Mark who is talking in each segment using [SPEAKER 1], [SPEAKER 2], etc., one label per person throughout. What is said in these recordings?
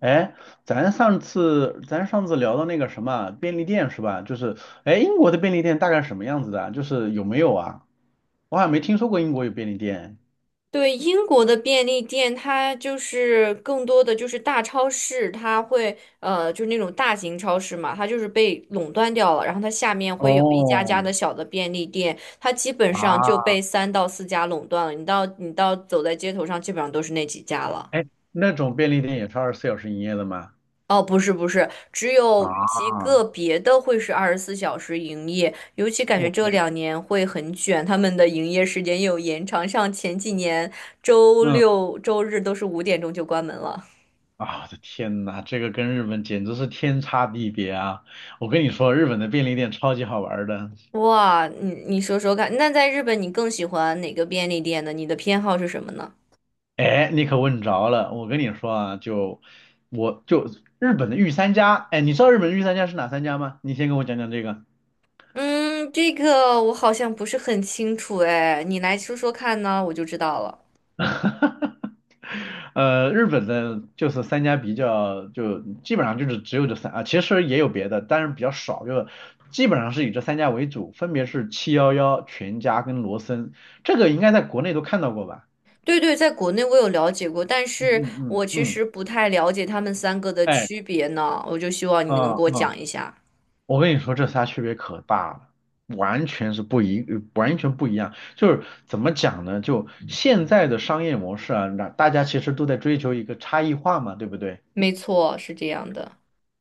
[SPEAKER 1] 哎，咱上次聊到那个什么便利店是吧？就是，哎，英国的便利店大概什么样子的啊就是有没有啊？我好像没听说过英国有便利店。
[SPEAKER 2] 对，英国的便利店，它就是更多的就是大超市，它会就是那种大型超市嘛，它就是被垄断掉了，然后它下面会有一家
[SPEAKER 1] 哦，
[SPEAKER 2] 家的小的便利店，它基本上就
[SPEAKER 1] 啊，
[SPEAKER 2] 被三到四家垄断了。你到你到走在街头上，基本上都是那几家了。
[SPEAKER 1] 哎，那种便利店也是24小时营业的吗？
[SPEAKER 2] 哦，不是不是，只有极
[SPEAKER 1] 啊
[SPEAKER 2] 个别的会是24小时营业，尤其感觉这
[SPEAKER 1] ，OK，
[SPEAKER 2] 两年会很卷，他们的营业时间又有延长，像前几年周
[SPEAKER 1] 嗯，
[SPEAKER 2] 六周日都是5点钟就关门了。
[SPEAKER 1] 啊，我的天呐，这个跟日本简直是天差地别啊！我跟你说，日本的便利店超级好玩儿的。
[SPEAKER 2] 哇，你说说看，那在日本你更喜欢哪个便利店呢？你的偏好是什么呢？
[SPEAKER 1] 哎，你可问着了，我跟你说啊，就日本的御三家，哎，你知道日本的御三家是哪三家吗？你先跟我讲讲这个。
[SPEAKER 2] 嗯，这个我好像不是很清楚哎，你来说说看呢，我就知道了。
[SPEAKER 1] 日本的就是三家比较，就基本上就是只有这三啊，其实也有别的，但是比较少，就基本上是以这三家为主，分别是七幺幺、全家跟罗森，这个应该在国内都看到过吧？
[SPEAKER 2] 对对，在国内我有了解过，但
[SPEAKER 1] 嗯
[SPEAKER 2] 是
[SPEAKER 1] 嗯嗯
[SPEAKER 2] 我其
[SPEAKER 1] 嗯，
[SPEAKER 2] 实不太了解他们三个的
[SPEAKER 1] 哎，
[SPEAKER 2] 区别呢，我就希望你能给
[SPEAKER 1] 嗯
[SPEAKER 2] 我
[SPEAKER 1] 嗯。
[SPEAKER 2] 讲一
[SPEAKER 1] 啊
[SPEAKER 2] 下。
[SPEAKER 1] 我跟你说，这仨区别可大了，完全不一样。就是怎么讲呢？就现在的商业模式啊，那大家其实都在追求一个差异化嘛，对不对？
[SPEAKER 2] 没错，是这样的。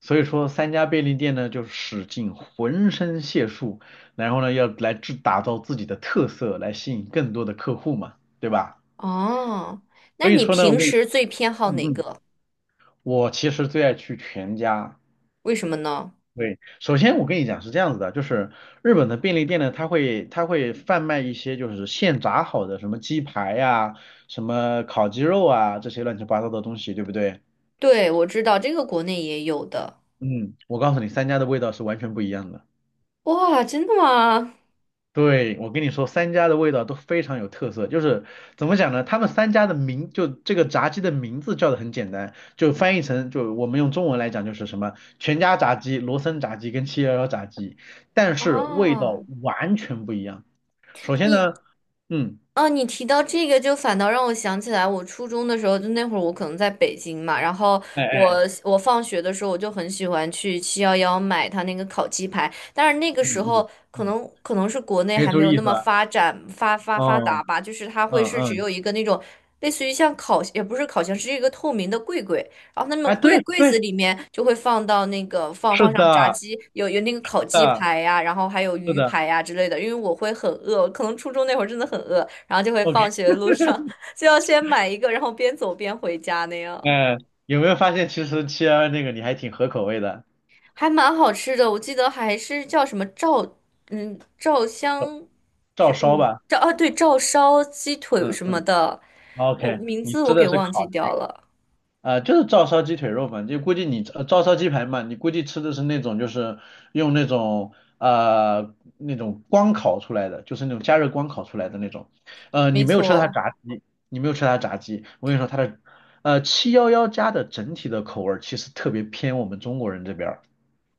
[SPEAKER 1] 所以说，三家便利店呢，就使尽浑身解数，然后呢，要来制打造自己的特色，来吸引更多的客户嘛，对吧？
[SPEAKER 2] 哦，那
[SPEAKER 1] 所以
[SPEAKER 2] 你
[SPEAKER 1] 说呢，我
[SPEAKER 2] 平
[SPEAKER 1] 跟你，
[SPEAKER 2] 时最偏好
[SPEAKER 1] 嗯
[SPEAKER 2] 哪
[SPEAKER 1] 嗯，
[SPEAKER 2] 个？
[SPEAKER 1] 我其实最爱去全家，
[SPEAKER 2] 为什么呢？
[SPEAKER 1] 对，首先我跟你讲是这样子的，就是日本的便利店呢，它会贩卖一些就是现炸好的什么鸡排呀、什么烤鸡肉啊这些乱七八糟的东西，对不对？
[SPEAKER 2] 对，我知道这个国内也有的。
[SPEAKER 1] 嗯，我告诉你，三家的味道是完全不一样的。
[SPEAKER 2] 哇，真的吗？
[SPEAKER 1] 对，我跟你说，三家的味道都非常有特色，就是怎么讲呢？他们三家的名，就这个炸鸡的名字叫的很简单，就翻译成，就我们用中文来讲就是什么全家炸鸡、罗森炸鸡跟七幺幺炸鸡，但是味道
[SPEAKER 2] 啊，
[SPEAKER 1] 完全不一样。首先
[SPEAKER 2] 你
[SPEAKER 1] 呢，嗯，
[SPEAKER 2] 哦，你提到这个，就反倒让我想起来，我初中的时候，就那会儿我可能在北京嘛，然后
[SPEAKER 1] 哎
[SPEAKER 2] 我
[SPEAKER 1] 哎，
[SPEAKER 2] 我放学的时候，我就很喜欢去七幺幺买他那个烤鸡排，但是那个
[SPEAKER 1] 嗯
[SPEAKER 2] 时候
[SPEAKER 1] 嗯
[SPEAKER 2] 可
[SPEAKER 1] 嗯，
[SPEAKER 2] 能可能是国内
[SPEAKER 1] 没
[SPEAKER 2] 还没
[SPEAKER 1] 注
[SPEAKER 2] 有
[SPEAKER 1] 意
[SPEAKER 2] 那
[SPEAKER 1] 是
[SPEAKER 2] 么
[SPEAKER 1] 吧？
[SPEAKER 2] 发展发发发达
[SPEAKER 1] 哦，
[SPEAKER 2] 吧，就是它
[SPEAKER 1] 嗯
[SPEAKER 2] 会是只
[SPEAKER 1] 嗯，
[SPEAKER 2] 有一个那种类似于像烤，也不是烤箱，是一个透明的柜，然后，那么
[SPEAKER 1] 哎，
[SPEAKER 2] 柜
[SPEAKER 1] 对
[SPEAKER 2] 柜
[SPEAKER 1] 对，
[SPEAKER 2] 子里面就会放到那个放
[SPEAKER 1] 是
[SPEAKER 2] 放上炸
[SPEAKER 1] 的，
[SPEAKER 2] 鸡，有那个烤鸡
[SPEAKER 1] 嗯，
[SPEAKER 2] 排呀、然后还有
[SPEAKER 1] 是
[SPEAKER 2] 鱼
[SPEAKER 1] 的
[SPEAKER 2] 排呀、之类的。因为我会很饿，可能初中那会儿真的很饿，然后就会
[SPEAKER 1] ，OK，
[SPEAKER 2] 放学路上 就要先买一个，然后边走边回家那样，
[SPEAKER 1] 哎，有没有发现其实七幺幺那个你还挺合口味的，
[SPEAKER 2] 还蛮好吃的。我记得还是叫什么照照香，这
[SPEAKER 1] 照烧吧，
[SPEAKER 2] 照啊对照烧鸡腿
[SPEAKER 1] 嗯
[SPEAKER 2] 什么
[SPEAKER 1] 嗯
[SPEAKER 2] 的，
[SPEAKER 1] ，OK，
[SPEAKER 2] 名
[SPEAKER 1] 你
[SPEAKER 2] 字我
[SPEAKER 1] 吃的
[SPEAKER 2] 给
[SPEAKER 1] 是
[SPEAKER 2] 忘记
[SPEAKER 1] 烤的。
[SPEAKER 2] 掉了。
[SPEAKER 1] 啊，就是照烧鸡腿肉嘛，就估计你照烧鸡排嘛，你估计吃的是那种就是用那种那种光烤出来的，就是那种加热光烤出来的那种。你
[SPEAKER 2] 没
[SPEAKER 1] 没有吃它
[SPEAKER 2] 错，
[SPEAKER 1] 炸鸡，你没有吃它炸鸡。我跟你说，它的七幺幺家的整体的口味儿其实特别偏我们中国人这边儿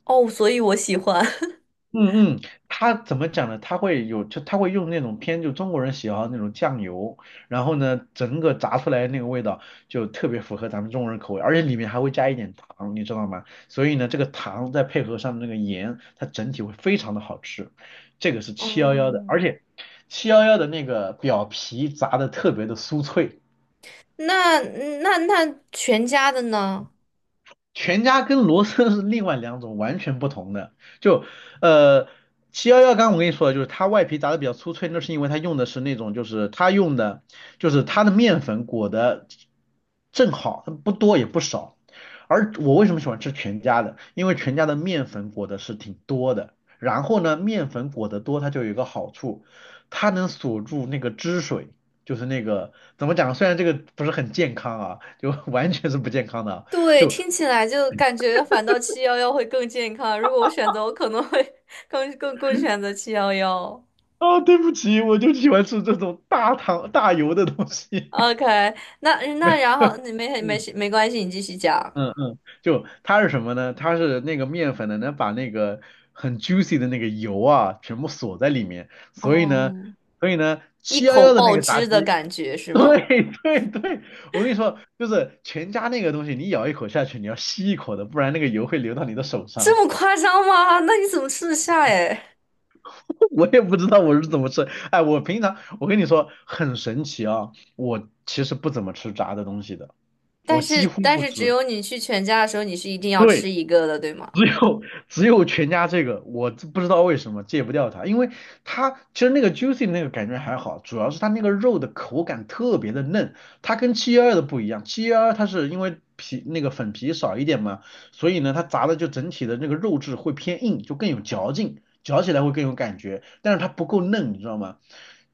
[SPEAKER 2] 哦，所以我喜欢。
[SPEAKER 1] 嗯嗯，他怎么讲呢？他会有，就他会用那种偏就中国人喜好的那种酱油，然后呢，整个炸出来的那个味道就特别符合咱们中国人口味，而且里面还会加一点糖，你知道吗？所以呢，这个糖再配合上那个盐，它整体会非常的好吃。这个是七幺幺的，
[SPEAKER 2] 嗯，
[SPEAKER 1] 而且七幺幺的那个表皮炸的特别的酥脆。
[SPEAKER 2] 那那全家的呢？
[SPEAKER 1] 全家跟罗森是另外两种完全不同的。就呃，七幺幺刚我跟你说的，就是它外皮炸的比较酥脆，那是因为它用的是那种，就是它用的就是它的面粉裹的正好，它不多也不少。而我为什么喜欢吃全家的？因为全家的面粉裹的是挺多的，然后呢，面粉裹得多，它就有一个好处，它能锁住那个汁水。就是那个怎么讲？虽然这个不是很健康啊，就 完全是不健康的啊，
[SPEAKER 2] 对，
[SPEAKER 1] 就
[SPEAKER 2] 听起来就感觉反倒七幺幺会更健康。如果我选择，我可能会 更选择七幺幺。
[SPEAKER 1] 啊，对不起，我就喜欢吃这种大糖大油的东西。
[SPEAKER 2] OK，那
[SPEAKER 1] 没，
[SPEAKER 2] 然后你没
[SPEAKER 1] 嗯
[SPEAKER 2] 事没关系，你继续讲。
[SPEAKER 1] 嗯嗯，就它是什么呢？它是那个面粉呢，能把那个很 juicy 的那个油啊，全部锁在里面，所以
[SPEAKER 2] 哦，
[SPEAKER 1] 呢，所以呢，
[SPEAKER 2] 一
[SPEAKER 1] 七幺
[SPEAKER 2] 口
[SPEAKER 1] 幺的那
[SPEAKER 2] 爆
[SPEAKER 1] 个炸
[SPEAKER 2] 汁的
[SPEAKER 1] 鸡，
[SPEAKER 2] 感觉 是吗？
[SPEAKER 1] 对对对，我跟你说，就是全家那个东西，你咬一口下去，你要吸一口的，不然那个油会流到你的手
[SPEAKER 2] 这
[SPEAKER 1] 上。
[SPEAKER 2] 么夸张吗？那你怎么吃得下哎？
[SPEAKER 1] 我也不知道我是怎么吃。哎，我平常我跟你说很神奇啊，我其实不怎么吃炸的东西的，
[SPEAKER 2] 但
[SPEAKER 1] 我几
[SPEAKER 2] 是
[SPEAKER 1] 乎
[SPEAKER 2] 但
[SPEAKER 1] 不
[SPEAKER 2] 是只
[SPEAKER 1] 吃。
[SPEAKER 2] 有你去全家的时候，你是一定要吃
[SPEAKER 1] 对，
[SPEAKER 2] 一个的，对吗？
[SPEAKER 1] 只有全家这个，我这不知道为什么戒不掉它，因为它其实那个 juicy 那个感觉还好，主要是它那个肉的口感特别的嫩，它跟七幺二的不一样，七幺二它是因为皮那个粉皮少一点嘛，所以呢它炸的就整体的那个肉质会偏硬，就更有嚼劲，嚼起来会更有感觉，但是它不够嫩，你知道吗？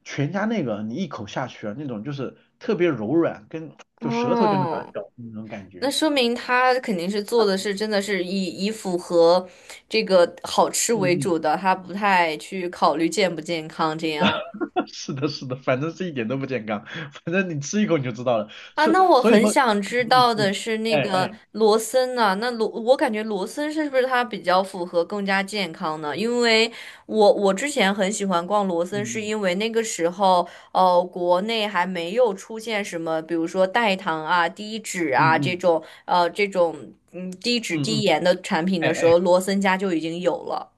[SPEAKER 1] 全家那个你一口下去啊，那种就是特别柔软，跟就舌头就能把它
[SPEAKER 2] 哦。
[SPEAKER 1] 嚼那种感
[SPEAKER 2] 那
[SPEAKER 1] 觉，
[SPEAKER 2] 说明他肯定是做的是真的是以符合这个好吃
[SPEAKER 1] 嗯
[SPEAKER 2] 为
[SPEAKER 1] 嗯。
[SPEAKER 2] 主的，他不太去考虑健不健康这样。
[SPEAKER 1] 是的，是的，反正是一点都不健康，反正你吃一口你就知道了。
[SPEAKER 2] 啊，
[SPEAKER 1] 所
[SPEAKER 2] 那我
[SPEAKER 1] 所以
[SPEAKER 2] 很
[SPEAKER 1] 说，
[SPEAKER 2] 想知
[SPEAKER 1] 嗯嗯
[SPEAKER 2] 道的
[SPEAKER 1] 嗯，
[SPEAKER 2] 是那
[SPEAKER 1] 哎
[SPEAKER 2] 个
[SPEAKER 1] 哎，
[SPEAKER 2] 罗森呢、我感觉罗森是不是它比较符合更加健康呢？因为我之前很喜欢逛罗森，是
[SPEAKER 1] 嗯
[SPEAKER 2] 因为那个时候，国内还没有出现什么，比如说代糖啊、低脂
[SPEAKER 1] 嗯
[SPEAKER 2] 啊这
[SPEAKER 1] 嗯
[SPEAKER 2] 种，呃，这种嗯低脂
[SPEAKER 1] 嗯嗯
[SPEAKER 2] 低
[SPEAKER 1] 嗯，
[SPEAKER 2] 盐的产品
[SPEAKER 1] 哎
[SPEAKER 2] 的时
[SPEAKER 1] 哎，
[SPEAKER 2] 候，罗森家就已经有了。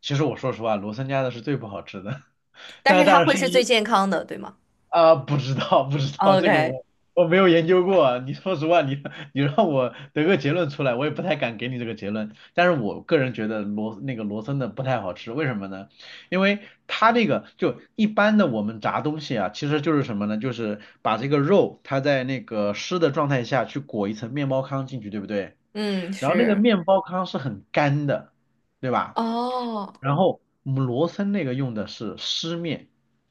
[SPEAKER 1] 其实我说实话，罗森家的是最不好吃的，
[SPEAKER 2] 但
[SPEAKER 1] 但
[SPEAKER 2] 是
[SPEAKER 1] 是当
[SPEAKER 2] 它
[SPEAKER 1] 然
[SPEAKER 2] 会
[SPEAKER 1] 是
[SPEAKER 2] 是最
[SPEAKER 1] 因
[SPEAKER 2] 健康的，对吗
[SPEAKER 1] 啊，不知道，不知道，这个
[SPEAKER 2] ？OK，
[SPEAKER 1] 我我没有研究过啊。你说实话，你你让我得个结论出来，我也不太敢给你这个结论。但是我个人觉得罗那个罗森的不太好吃，为什么呢？因为它那个就一般的我们炸东西啊，其实就是什么呢？就是把这个肉它在那个湿的状态下去裹一层面包糠进去，对不对？
[SPEAKER 2] 嗯，
[SPEAKER 1] 然后那个
[SPEAKER 2] 是，
[SPEAKER 1] 面包糠是很干的，对吧？
[SPEAKER 2] 哦，
[SPEAKER 1] 然后我们罗森那个用的是湿面，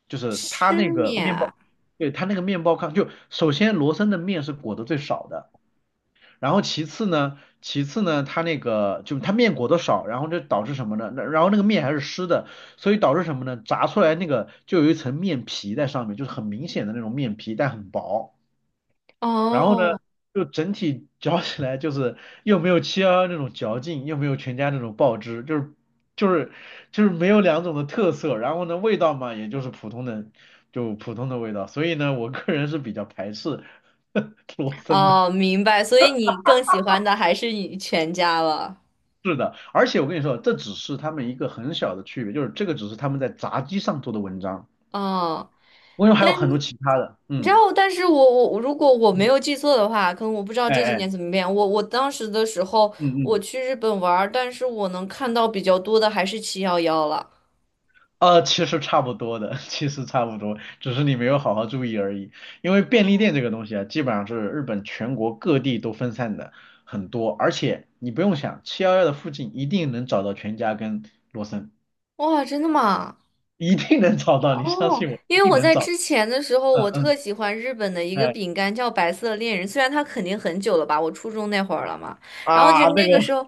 [SPEAKER 1] 就是它
[SPEAKER 2] 失
[SPEAKER 1] 那个
[SPEAKER 2] 眠
[SPEAKER 1] 面
[SPEAKER 2] 啊，
[SPEAKER 1] 包，对，它那个面包糠，就首先罗森的面是裹得最少的，然后其次呢，它那个就它面裹得少，然后就导致什么呢？那然后那个面还是湿的，所以导致什么呢？炸出来那个就有一层面皮在上面，就是很明显的那种面皮，但很薄。然后呢，
[SPEAKER 2] 哦。
[SPEAKER 1] 就整体嚼起来就是又没有七幺幺那种嚼劲，又没有全家那种爆汁，就是就是没有两种的特色。然后呢，味道嘛，也就是普通的，就普通的味道。所以呢，我个人是比较排斥 罗森的。
[SPEAKER 2] 哦，明白，所以你更喜欢的还是你全家了。
[SPEAKER 1] 是的，而且我跟你说，这只是他们一个很小的区别，就是这个只是他们在炸鸡上做的文章。
[SPEAKER 2] 哦，
[SPEAKER 1] 我跟你说，还有
[SPEAKER 2] 但
[SPEAKER 1] 很多
[SPEAKER 2] 你
[SPEAKER 1] 其他的，
[SPEAKER 2] 知
[SPEAKER 1] 嗯，
[SPEAKER 2] 道，但是我如果我没
[SPEAKER 1] 嗯，
[SPEAKER 2] 有记错的话，可能我不知道
[SPEAKER 1] 哎
[SPEAKER 2] 这些年
[SPEAKER 1] 哎，
[SPEAKER 2] 怎么变。我当时的时候，
[SPEAKER 1] 嗯
[SPEAKER 2] 我
[SPEAKER 1] 嗯。
[SPEAKER 2] 去日本玩儿，但是我能看到比较多的还是七幺幺了。
[SPEAKER 1] 其实差不多的，其实差不多，只是你没有好好注意而已。因为便利店这个东西啊，基本上是日本全国各地都分散的很多，而且你不用想，七幺幺的附近一定能找到全家跟罗森，
[SPEAKER 2] 哇，真的吗？
[SPEAKER 1] 一定能找到，你相
[SPEAKER 2] 哦，
[SPEAKER 1] 信我，一
[SPEAKER 2] 因为
[SPEAKER 1] 定
[SPEAKER 2] 我
[SPEAKER 1] 能
[SPEAKER 2] 在
[SPEAKER 1] 找到。
[SPEAKER 2] 之前的时候，
[SPEAKER 1] 嗯
[SPEAKER 2] 我
[SPEAKER 1] 嗯，
[SPEAKER 2] 特喜欢日本的一个
[SPEAKER 1] 哎
[SPEAKER 2] 饼干叫白色恋人，虽然它肯定很久了吧，我初中那会儿了嘛。然后就
[SPEAKER 1] 啊，那
[SPEAKER 2] 那
[SPEAKER 1] 个，
[SPEAKER 2] 个时候，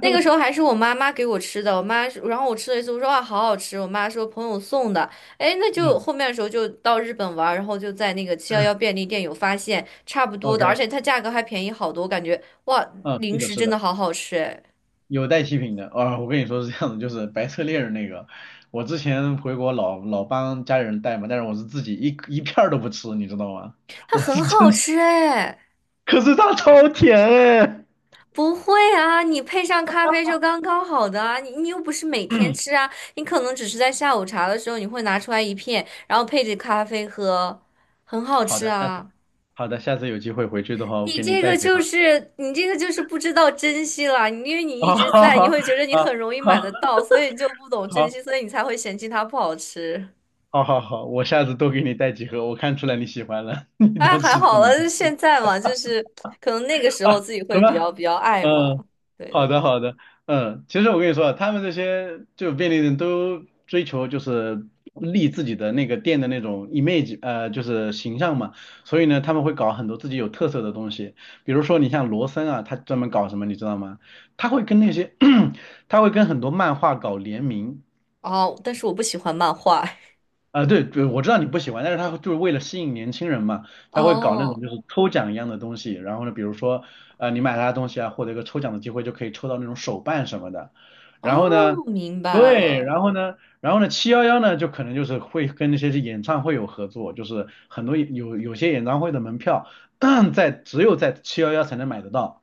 [SPEAKER 2] 那个时候还是我妈妈给我吃的，我妈，然后我吃了一次，我说哇，好好吃，我妈说朋友送的，哎，那就
[SPEAKER 1] 嗯
[SPEAKER 2] 后面的时候就到日本玩儿然后就在那个七幺幺便利店有发现差不多
[SPEAKER 1] ，OK，
[SPEAKER 2] 的，而且它价格还便宜好多，我感觉哇，
[SPEAKER 1] 嗯，是
[SPEAKER 2] 零
[SPEAKER 1] 的，
[SPEAKER 2] 食
[SPEAKER 1] 是
[SPEAKER 2] 真的
[SPEAKER 1] 的。
[SPEAKER 2] 好好吃，哎，
[SPEAKER 1] 有带七品的，啊、我跟你说是这样的，就是白色恋人那个，我之前回国老帮家里人带嘛，但是我是自己一片儿都不吃，你知道吗？
[SPEAKER 2] 它
[SPEAKER 1] 我
[SPEAKER 2] 很
[SPEAKER 1] 是
[SPEAKER 2] 好
[SPEAKER 1] 真是，
[SPEAKER 2] 吃哎。
[SPEAKER 1] 可是它超甜哎。
[SPEAKER 2] 不会啊，你配上咖啡就刚刚好的啊，你又不是每天吃 啊，你可能只是在下午茶的时候你会拿出来一片，然后配着咖啡喝，很好
[SPEAKER 1] 好
[SPEAKER 2] 吃
[SPEAKER 1] 的，下次
[SPEAKER 2] 啊。
[SPEAKER 1] 好的，下次有机会回去的话，我
[SPEAKER 2] 你
[SPEAKER 1] 给你
[SPEAKER 2] 这
[SPEAKER 1] 带
[SPEAKER 2] 个
[SPEAKER 1] 几盒。
[SPEAKER 2] 就是你这个就是不知道珍惜了，你因为 你一
[SPEAKER 1] 啊，
[SPEAKER 2] 直
[SPEAKER 1] 好
[SPEAKER 2] 在，你
[SPEAKER 1] 好
[SPEAKER 2] 会觉得你
[SPEAKER 1] 好
[SPEAKER 2] 很容易买得到，所以你就不懂珍
[SPEAKER 1] 好
[SPEAKER 2] 惜，所以你才会嫌弃它不好吃。
[SPEAKER 1] 好好好，我下次多给你带几盒，我看出来你喜欢了，你
[SPEAKER 2] 哎，
[SPEAKER 1] 多
[SPEAKER 2] 还
[SPEAKER 1] 吃
[SPEAKER 2] 好了，
[SPEAKER 1] 点。
[SPEAKER 2] 就是现在嘛，就是可能那个时候
[SPEAKER 1] 啊，
[SPEAKER 2] 自己
[SPEAKER 1] 什
[SPEAKER 2] 会比
[SPEAKER 1] 么？
[SPEAKER 2] 较比较爱
[SPEAKER 1] 嗯，
[SPEAKER 2] 嘛。对对
[SPEAKER 1] 好的
[SPEAKER 2] 对，
[SPEAKER 1] 好的，嗯，其实我跟你说啊，他们这些就便利店都追求就是立自己的那个店的那种 image，就是形象嘛，所以呢，他们会搞很多自己有特色的东西，比如说你像罗森啊，他专门搞什么，你知道吗？他会跟那些 他会跟很多漫画搞联名。
[SPEAKER 2] 哦，但是我不喜欢漫画。
[SPEAKER 1] 啊，对对，我知道你不喜欢，但是他就是为了吸引年轻人嘛，他会搞那
[SPEAKER 2] 哦。
[SPEAKER 1] 种就是抽奖一样的东西，然后呢，比如说，你买他的东西啊，获得一个抽奖的机会，就可以抽到那种手办什么的，然后呢，
[SPEAKER 2] 哦，明白
[SPEAKER 1] 对，
[SPEAKER 2] 了。
[SPEAKER 1] 然后呢，七幺幺呢，就可能就是会跟那些演唱会有合作，就是很多有些演唱会的门票，在只有在七幺幺才能买得到。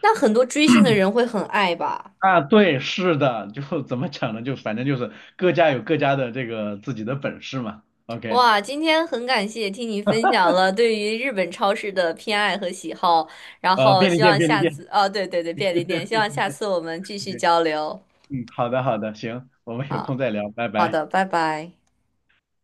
[SPEAKER 2] 那很多追星的人会很爱吧？
[SPEAKER 1] 啊，对，是的，就怎么讲呢？就反正就是各家有各家的这个自己的本事嘛。OK，
[SPEAKER 2] 哇，今天很感谢听你分享了对于日本超市的偏爱和喜好，然后希望
[SPEAKER 1] 便利
[SPEAKER 2] 下
[SPEAKER 1] 店。
[SPEAKER 2] 次，哦，对对对，便
[SPEAKER 1] 对
[SPEAKER 2] 利
[SPEAKER 1] 对
[SPEAKER 2] 店，希望下次我们继续
[SPEAKER 1] 对，
[SPEAKER 2] 交流。
[SPEAKER 1] 嗯，好的好的，行，我们有空再聊，拜
[SPEAKER 2] 好
[SPEAKER 1] 拜。
[SPEAKER 2] 的，拜拜。